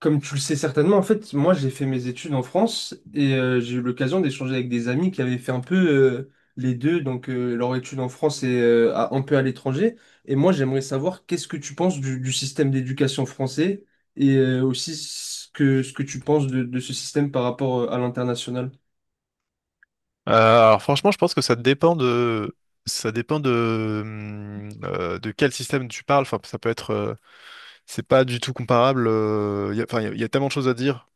Comme tu le sais certainement, en fait, moi j'ai fait mes études en France et j'ai eu l'occasion d'échanger avec des amis qui avaient fait un peu les deux, donc leur étude en France et un peu à l'étranger. Et moi j'aimerais savoir qu'est-ce que tu penses du système d'éducation français et aussi ce que tu penses de ce système par rapport à l'international. Alors franchement, je pense que ça dépend de quel système tu parles. Enfin, ça peut être c'est pas du tout comparable. Enfin, il y a tellement de choses à dire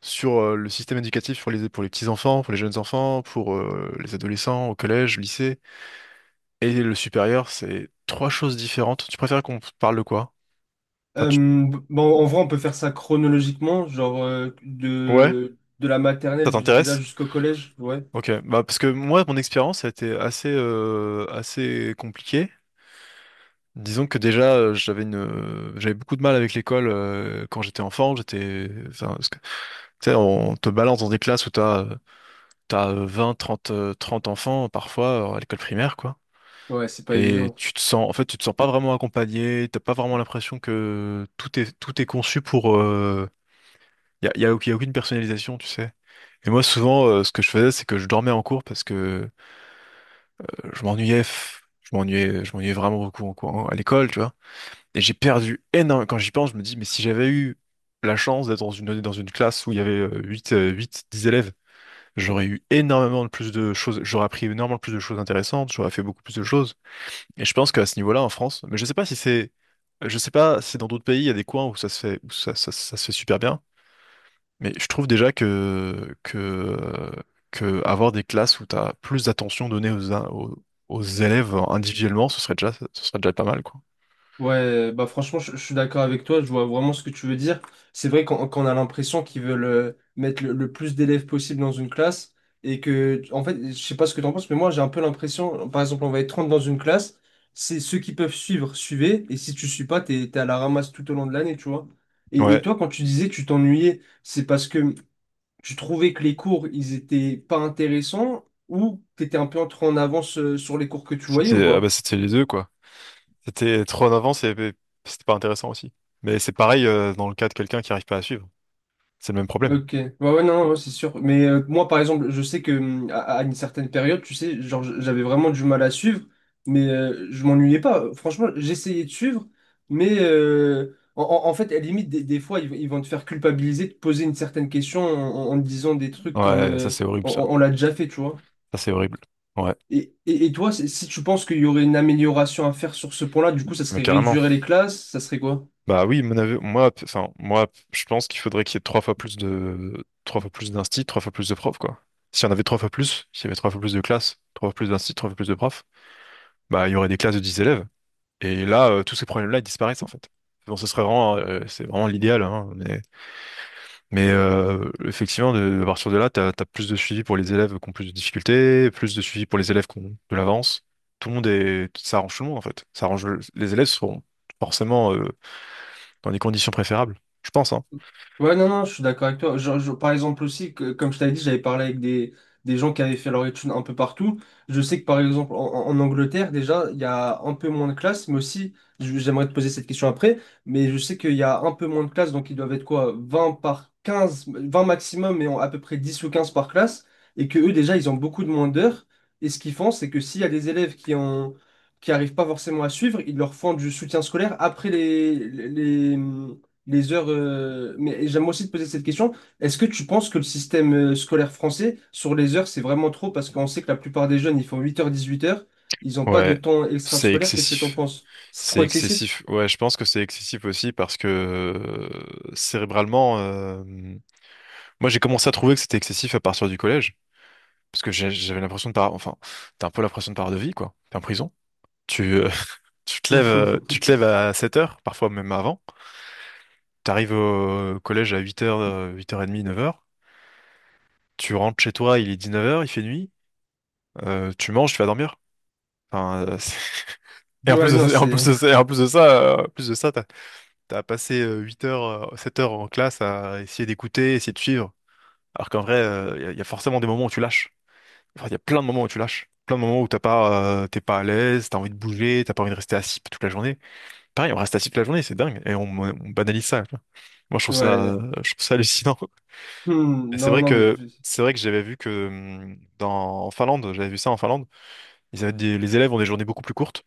sur le système éducatif pour les petits enfants, pour les jeunes enfants, pour les adolescents au collège, lycée et le supérieur. C'est trois choses différentes. Tu préfères qu'on parle de quoi? Enfin, Euh, bon, en vrai, on peut faire ça chronologiquement, genre ouais, de la ça maternelle déjà t'intéresse? jusqu'au collège, ouais. Ok, bah parce que moi, mon expérience a été assez compliquée. Disons que déjà, j'avais beaucoup de mal avec l'école quand j'étais enfant. Enfin, parce que, tu sais, on te balance dans des classes où t'as 20, 30 30 enfants parfois à l'école primaire, quoi. Ouais, c'est pas Et évident. tu te sens, en fait, tu te sens pas vraiment accompagné. T'as pas vraiment l'impression que tout est conçu pour. Y a aucune personnalisation, tu sais. Et moi, souvent, ce que je faisais, c'est que je dormais en cours parce que je m'ennuyais, f- je m'ennuyais vraiment beaucoup en cours, à l'école, tu vois. Et j'ai perdu énormément. Quand j'y pense, je me dis, mais si j'avais eu la chance d'être dans une classe où il y avait 8 10 élèves, j'aurais eu énormément de plus de choses, j'aurais appris énormément plus de choses intéressantes, j'aurais fait beaucoup plus de choses. Et je pense qu'à ce niveau-là, en France, mais je sais pas si dans d'autres pays, il y a des coins où ça se fait, ça se fait super bien, mais je trouve déjà que avoir des classes où tu as plus d'attention donnée aux élèves individuellement, ce serait déjà pas mal, quoi. Ouais, bah franchement, je suis d'accord avec toi, je vois vraiment ce que tu veux dire. C'est vrai qu'on a l'impression qu'ils veulent mettre le plus d'élèves possible dans une classe, et que, en fait, je sais pas ce que t'en penses, mais moi j'ai un peu l'impression, par exemple, on va être 30 dans une classe, c'est ceux qui peuvent suivre, suivez, et si tu suis pas, t'es à la ramasse tout au long de l'année, tu vois. Et Ouais, toi, quand tu disais que tu t'ennuyais, c'est parce que tu trouvais que les cours, ils étaient pas intéressants, ou t'étais un peu en trop en avance sur les cours que tu voyais ou pas? C'était les deux quoi. C'était trop en avance et c'était pas intéressant aussi. Mais c'est pareil dans le cas de quelqu'un qui arrive pas à suivre. C'est le même problème. Ok, ouais, ouais, non, ouais, c'est sûr. Mais moi, par exemple, je sais que à une certaine période, tu sais, genre, j'avais vraiment du mal à suivre, mais je m'ennuyais pas. Franchement, j'essayais de suivre, mais en fait, à la limite, des fois, ils vont te faire culpabiliser de poser une certaine question en disant des trucs comme Ouais, ça euh, c'est horrible on, ça. on- on l'a déjà fait, tu vois. Ça c'est horrible. Ouais, Et toi, si tu penses qu'il y aurait une amélioration à faire sur ce point-là, du coup, ça mais serait carrément. réduire les classes, ça serait quoi? Bah oui, mon avis- moi, p- enfin, moi, p- je pense qu'il faudrait qu'il y ait trois fois plus d'instit, trois fois plus de profs, quoi. Si on avait trois fois plus, s'il y avait trois fois plus de classes, trois fois plus d'instit, trois fois plus de profs, bah, il y aurait des classes de 10 élèves. Et là, tous ces problèmes-là, ils disparaissent, en fait. Bon, c'est vraiment l'idéal, hein, mais effectivement, à partir de là, t'as plus de suivi pour les élèves qui ont plus de difficultés, plus de suivi pour les élèves qui ont de l'avance. Tout le monde est, Ça arrange tout le monde, en fait. Les élèves seront forcément, dans des conditions préférables, je pense, hein. Ouais, non, non, je suis d'accord avec toi. Par exemple aussi, que, comme je t'avais dit, j'avais parlé avec des gens qui avaient fait leur étude un peu partout. Je sais que par exemple en Angleterre, déjà, il y a un peu moins de classes, mais aussi, j'aimerais te poser cette question après, mais je sais qu'il y a un peu moins de classes, donc ils doivent être quoi, 20 par 15, 20 maximum, mais en à peu près 10 ou 15 par classe, et que eux, déjà, ils ont beaucoup de moins d'heures. Et ce qu'ils font, c'est que s'il y a des élèves qui ont, qui arrivent pas forcément à suivre, ils leur font du soutien scolaire après les heures. Mais j'aime aussi te poser cette question. Est-ce que tu penses que le système scolaire français, sur les heures, c'est vraiment trop? Parce qu'on sait que la plupart des jeunes, ils font 8h-18h. Ils n'ont pas de Ouais, temps c'est extrascolaire. Qu'est-ce que tu en excessif. penses? C'est C'est trop excessif? excessif. Ouais, je pense que c'est excessif aussi parce que cérébralement, moi j'ai commencé à trouver que c'était excessif à partir du collège parce que j'ai- j'avais l'impression de par, enfin, t'as un peu l'impression de par de vie quoi. T'es en prison. Tu, euh, tu te lèves à 7 heures, parfois même avant. T'arrives au collège à 8 heures, 8h30, 9 heures. Tu rentres chez toi, il est 19 heures, il fait nuit, tu manges, tu vas dormir. Enfin. et en Ouais, plus de ça, non, et en plus c'est. de ça, et en plus de ça, t'as passé 8 heures, 7 heures en classe à essayer d'écouter, essayer de suivre. Alors qu'en vrai, il y a forcément des moments où tu lâches. Enfin, il y a plein de moments où tu lâches. Plein de moments où t'es pas à l'aise, t'as envie de bouger, t'as pas envie de rester assis toute la journée. Pareil, on reste assis toute la journée, c'est dingue. Et on banalise ça, quoi. Moi, Ouais. Je trouve ça hallucinant. Et Hmm, non, non, mais. C'est vrai que j'avais vu que en Finlande, j'avais vu ça en Finlande. Les élèves ont des journées beaucoup plus courtes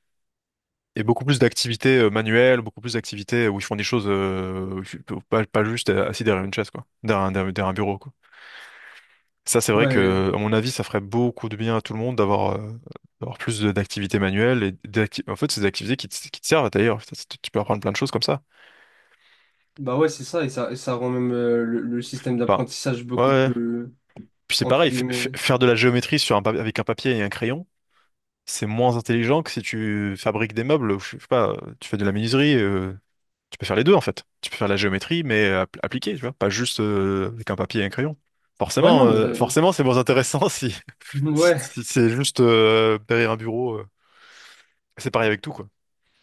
et beaucoup plus d'activités manuelles, beaucoup plus d'activités où ils font des choses pas juste assis derrière une chaise, quoi, derrière un bureau, quoi. Ça, c'est vrai Ouais. que, à mon avis, ça ferait beaucoup de bien à tout le monde d'avoir plus d'activités manuelles en fait, c'est des activités qui qui te servent d'ailleurs. Tu peux apprendre plein de choses comme ça. Bah ouais, c'est ça. Et ça rend même le système Enfin, d'apprentissage ouais. beaucoup Ouais. plus. Puis c'est Entre pareil, guillemets. faire de la géométrie sur avec un papier et un crayon, c'est moins intelligent que si tu fabriques des meubles, ou je sais pas, tu fais de la menuiserie. Tu peux faire les deux en fait. Tu peux faire la géométrie, mais appliquée, tu vois, pas juste avec un papier et un crayon. Ouais, non. Forcément, c'est moins intéressant Ouais. si c'est juste derrière un bureau. C'est pareil avec tout, quoi.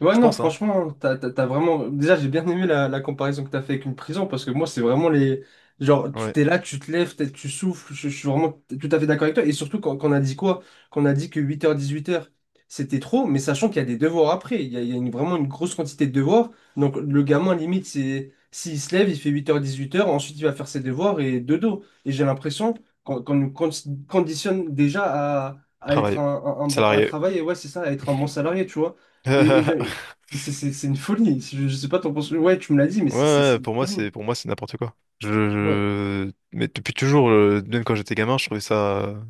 Ouais, Je non, pense, hein. franchement, t'as vraiment. Déjà, j'ai bien aimé la comparaison que t'as fait avec une prison parce que moi, c'est vraiment les. Genre, tu Ouais. t'es là, tu te lèves, tu souffles, je suis vraiment tout à fait d'accord avec toi. Et surtout, quand on a dit quoi? Quand on a dit que 8h-18h c'était trop, mais sachant qu'il y a des devoirs après. Il y a vraiment une grosse quantité de devoirs. Donc, le gamin, limite, c'est. S'il se lève, il fait 8h-18h, ensuite il va faire ses devoirs et dodo. Et j'ai l'impression qu'on nous conditionne déjà à être Travail. un bon. À Salarié. travailler, ouais, c'est ça, à être un bon salarié, tu vois. Et c'est une folie. Je sais pas, t'en penses. Ouais, tu me l'as dit, mais Ouais, c'est c'est- ouais, c'est une folie. pour moi, c'est n'importe quoi. Ouais. Mais depuis toujours, même quand j'étais gamin, je trouvais ça.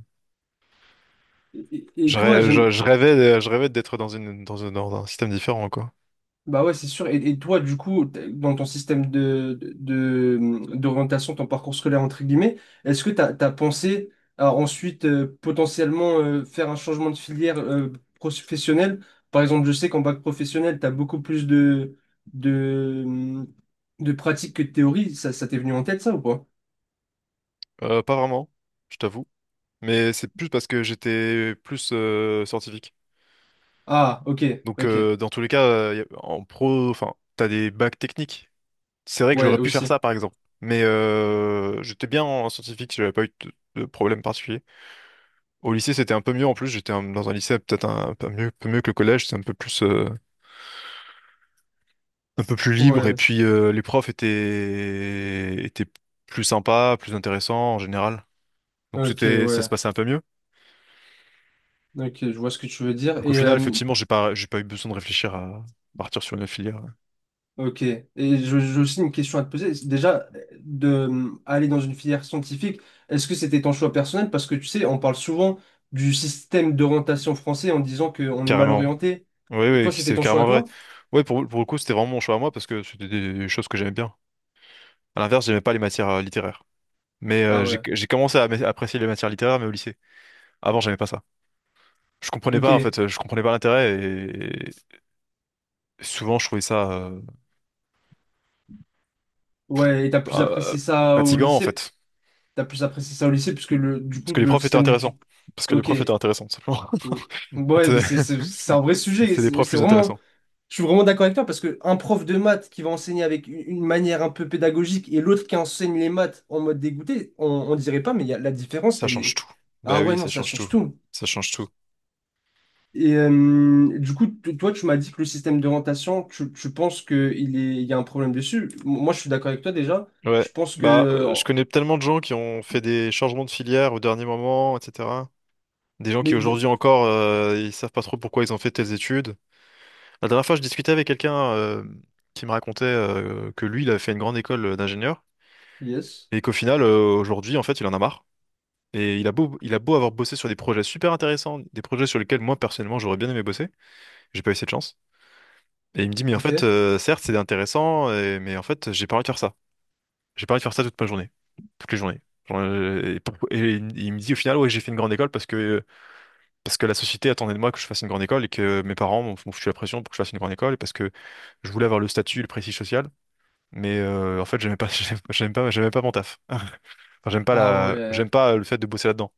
Et Je, toi, rê- j'aime. je rêvais, Je rêvais d'être dans un système différent, quoi. Bah ouais, c'est sûr. Et toi, du coup, dans ton système d'orientation, ton parcours scolaire, entre guillemets, est-ce que t'as pensé à ensuite potentiellement faire un changement de filière professionnelle? Par exemple, je sais qu'en bac professionnel, t'as beaucoup plus de, hum, de pratiques que de théories. Ça t'est venu en tête, ça ou pas? Pas vraiment, je t'avoue. Mais c'est plus parce que j'étais plus scientifique. Ah, ok, Donc ok. Dans tous les cas, y a- en pro, enfin, t'as des bacs techniques. C'est vrai que j'aurais Ouais, pu faire ça aussi. par exemple. Mais j'étais bien en scientifique, j'avais pas eu de problème particulier. Au lycée, c'était un peu mieux en plus. Dans un lycée peut-être un peu mieux, que le collège. C'est un peu plus libre. Et Ouais. puis les profs étaient plus sympas, plus intéressants en général. Donc Ok, c'était, ça se ouais. passait un peu mieux. Ok, je vois ce que tu veux dire. Donc au Et final, effectivement, j'ai pas eu besoin de réfléchir à partir sur une filière. Ouais. ok. J'ai aussi une question à te poser. C'est. Déjà, de aller dans une filière scientifique, est-ce que c'était ton choix personnel? Parce que tu sais, on parle souvent du système d'orientation français en disant qu'on est mal Carrément. orienté. Oui, Et oui, toi, c'était c'est ton choix à carrément vrai. toi? Oui, pour le coup, c'était vraiment mon choix à moi parce que c'était des choses que j'aimais bien. À l'inverse, j'aimais pas les matières littéraires. Mais Ah j'ai ouais. j'ai commencé à apprécier les matières littéraires, mais au lycée. Avant, j'aimais pas ça. Je comprenais pas, en Ok. fait, je comprenais pas l'intérêt et souvent, je trouvais ça Ouais, et t'as plus euh, apprécié ça au fatigant, en lycée? fait. T'as plus apprécié ça au lycée puisque le, du Parce coup, que les le profs étaient système intéressants. d'éducation. Parce que les Ok. profs étaient intéressants, tout simplement. Ouais, mais C'est c'est un vrai sujet. c'est les C'est profs c'est plus vraiment. intéressants. Je suis vraiment d'accord avec toi parce que un prof de maths qui va enseigner avec une manière un peu pédagogique et l'autre qui enseigne les maths en mode dégoûté, on dirait pas, mais il y a, la différence, Ça elle change est. tout. Bah Ah ouais, oui, non, ça ça change change tout. tout. Ça change tout. Et du coup, toi, tu m'as dit que le système d'orientation, tu penses qu'il est, il y a un problème dessus. Moi, je suis d'accord avec toi déjà. Ouais. Je pense que. Bah, je connais tellement de gens qui ont fait des changements de filière au dernier moment, etc. Des gens qui Mais. Aujourd'hui encore, ils savent pas trop pourquoi ils ont fait telles études. La dernière fois, je discutais avec quelqu'un qui me racontait que lui, il avait fait une grande école d'ingénieur Yes. et qu'au final, aujourd'hui, en fait, il en a marre. Et il a beau avoir bossé sur des projets super intéressants, des projets sur lesquels moi, personnellement, j'aurais bien aimé bosser. J'ai pas eu cette chance. Et il me dit, mais en fait, Ok. Certes, c'est intéressant, mais en fait, j'ai pas envie de faire ça. J'ai pas envie de faire ça toute ma journée. Toutes les journées. Genre, il me dit au final, ouais, j'ai fait une grande école parce que la société attendait de moi que je fasse une grande école et que mes parents m'ont foutu la pression pour que je fasse une grande école et parce que je voulais avoir le statut, le prestige social. Mais en fait, j'aimais pas, j'aimais pas mon taf. Enfin, Ah ouais. j'aime pas le fait de bosser là-dedans.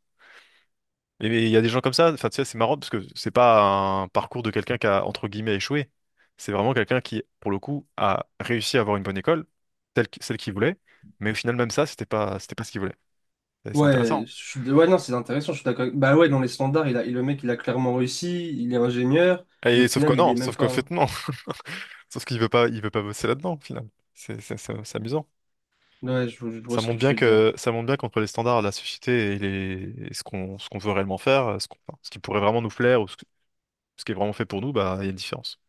Mais il y a des gens comme ça, enfin, tu sais, c'est marrant parce que c'est pas un parcours de quelqu'un qui a, entre guillemets, échoué. C'est vraiment quelqu'un qui, pour le coup, a réussi à avoir une bonne école, celle qu'il voulait, mais au final, même ça, c'était pas ce qu'il voulait. Et c'est Ouais, intéressant. Ouais, non, c'est intéressant, je suis d'accord. Bah ouais, dans les standards, il le mec, il a clairement réussi, il est ingénieur, et au Et sauf que final, il non, est même sauf qu'en pas, hein. fait, non. Sauf qu'il veut pas bosser là-dedans, au final. C'est amusant. Ouais, je vois ce que tu veux dire. Ça montre bien qu'entre les standards de la société et ce qu'on, veut réellement faire, enfin, ce qui pourrait vraiment nous plaire ou ce qui est vraiment fait pour nous, bah, il y a une différence.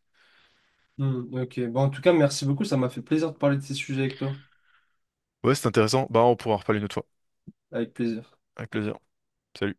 Hmm, ok. Bon, en tout cas, merci beaucoup. Ça m'a fait plaisir de parler de ces sujets avec toi. Ouais, c'est intéressant. Bah, on pourra en reparler une autre fois. Avec plaisir. Avec plaisir. Salut.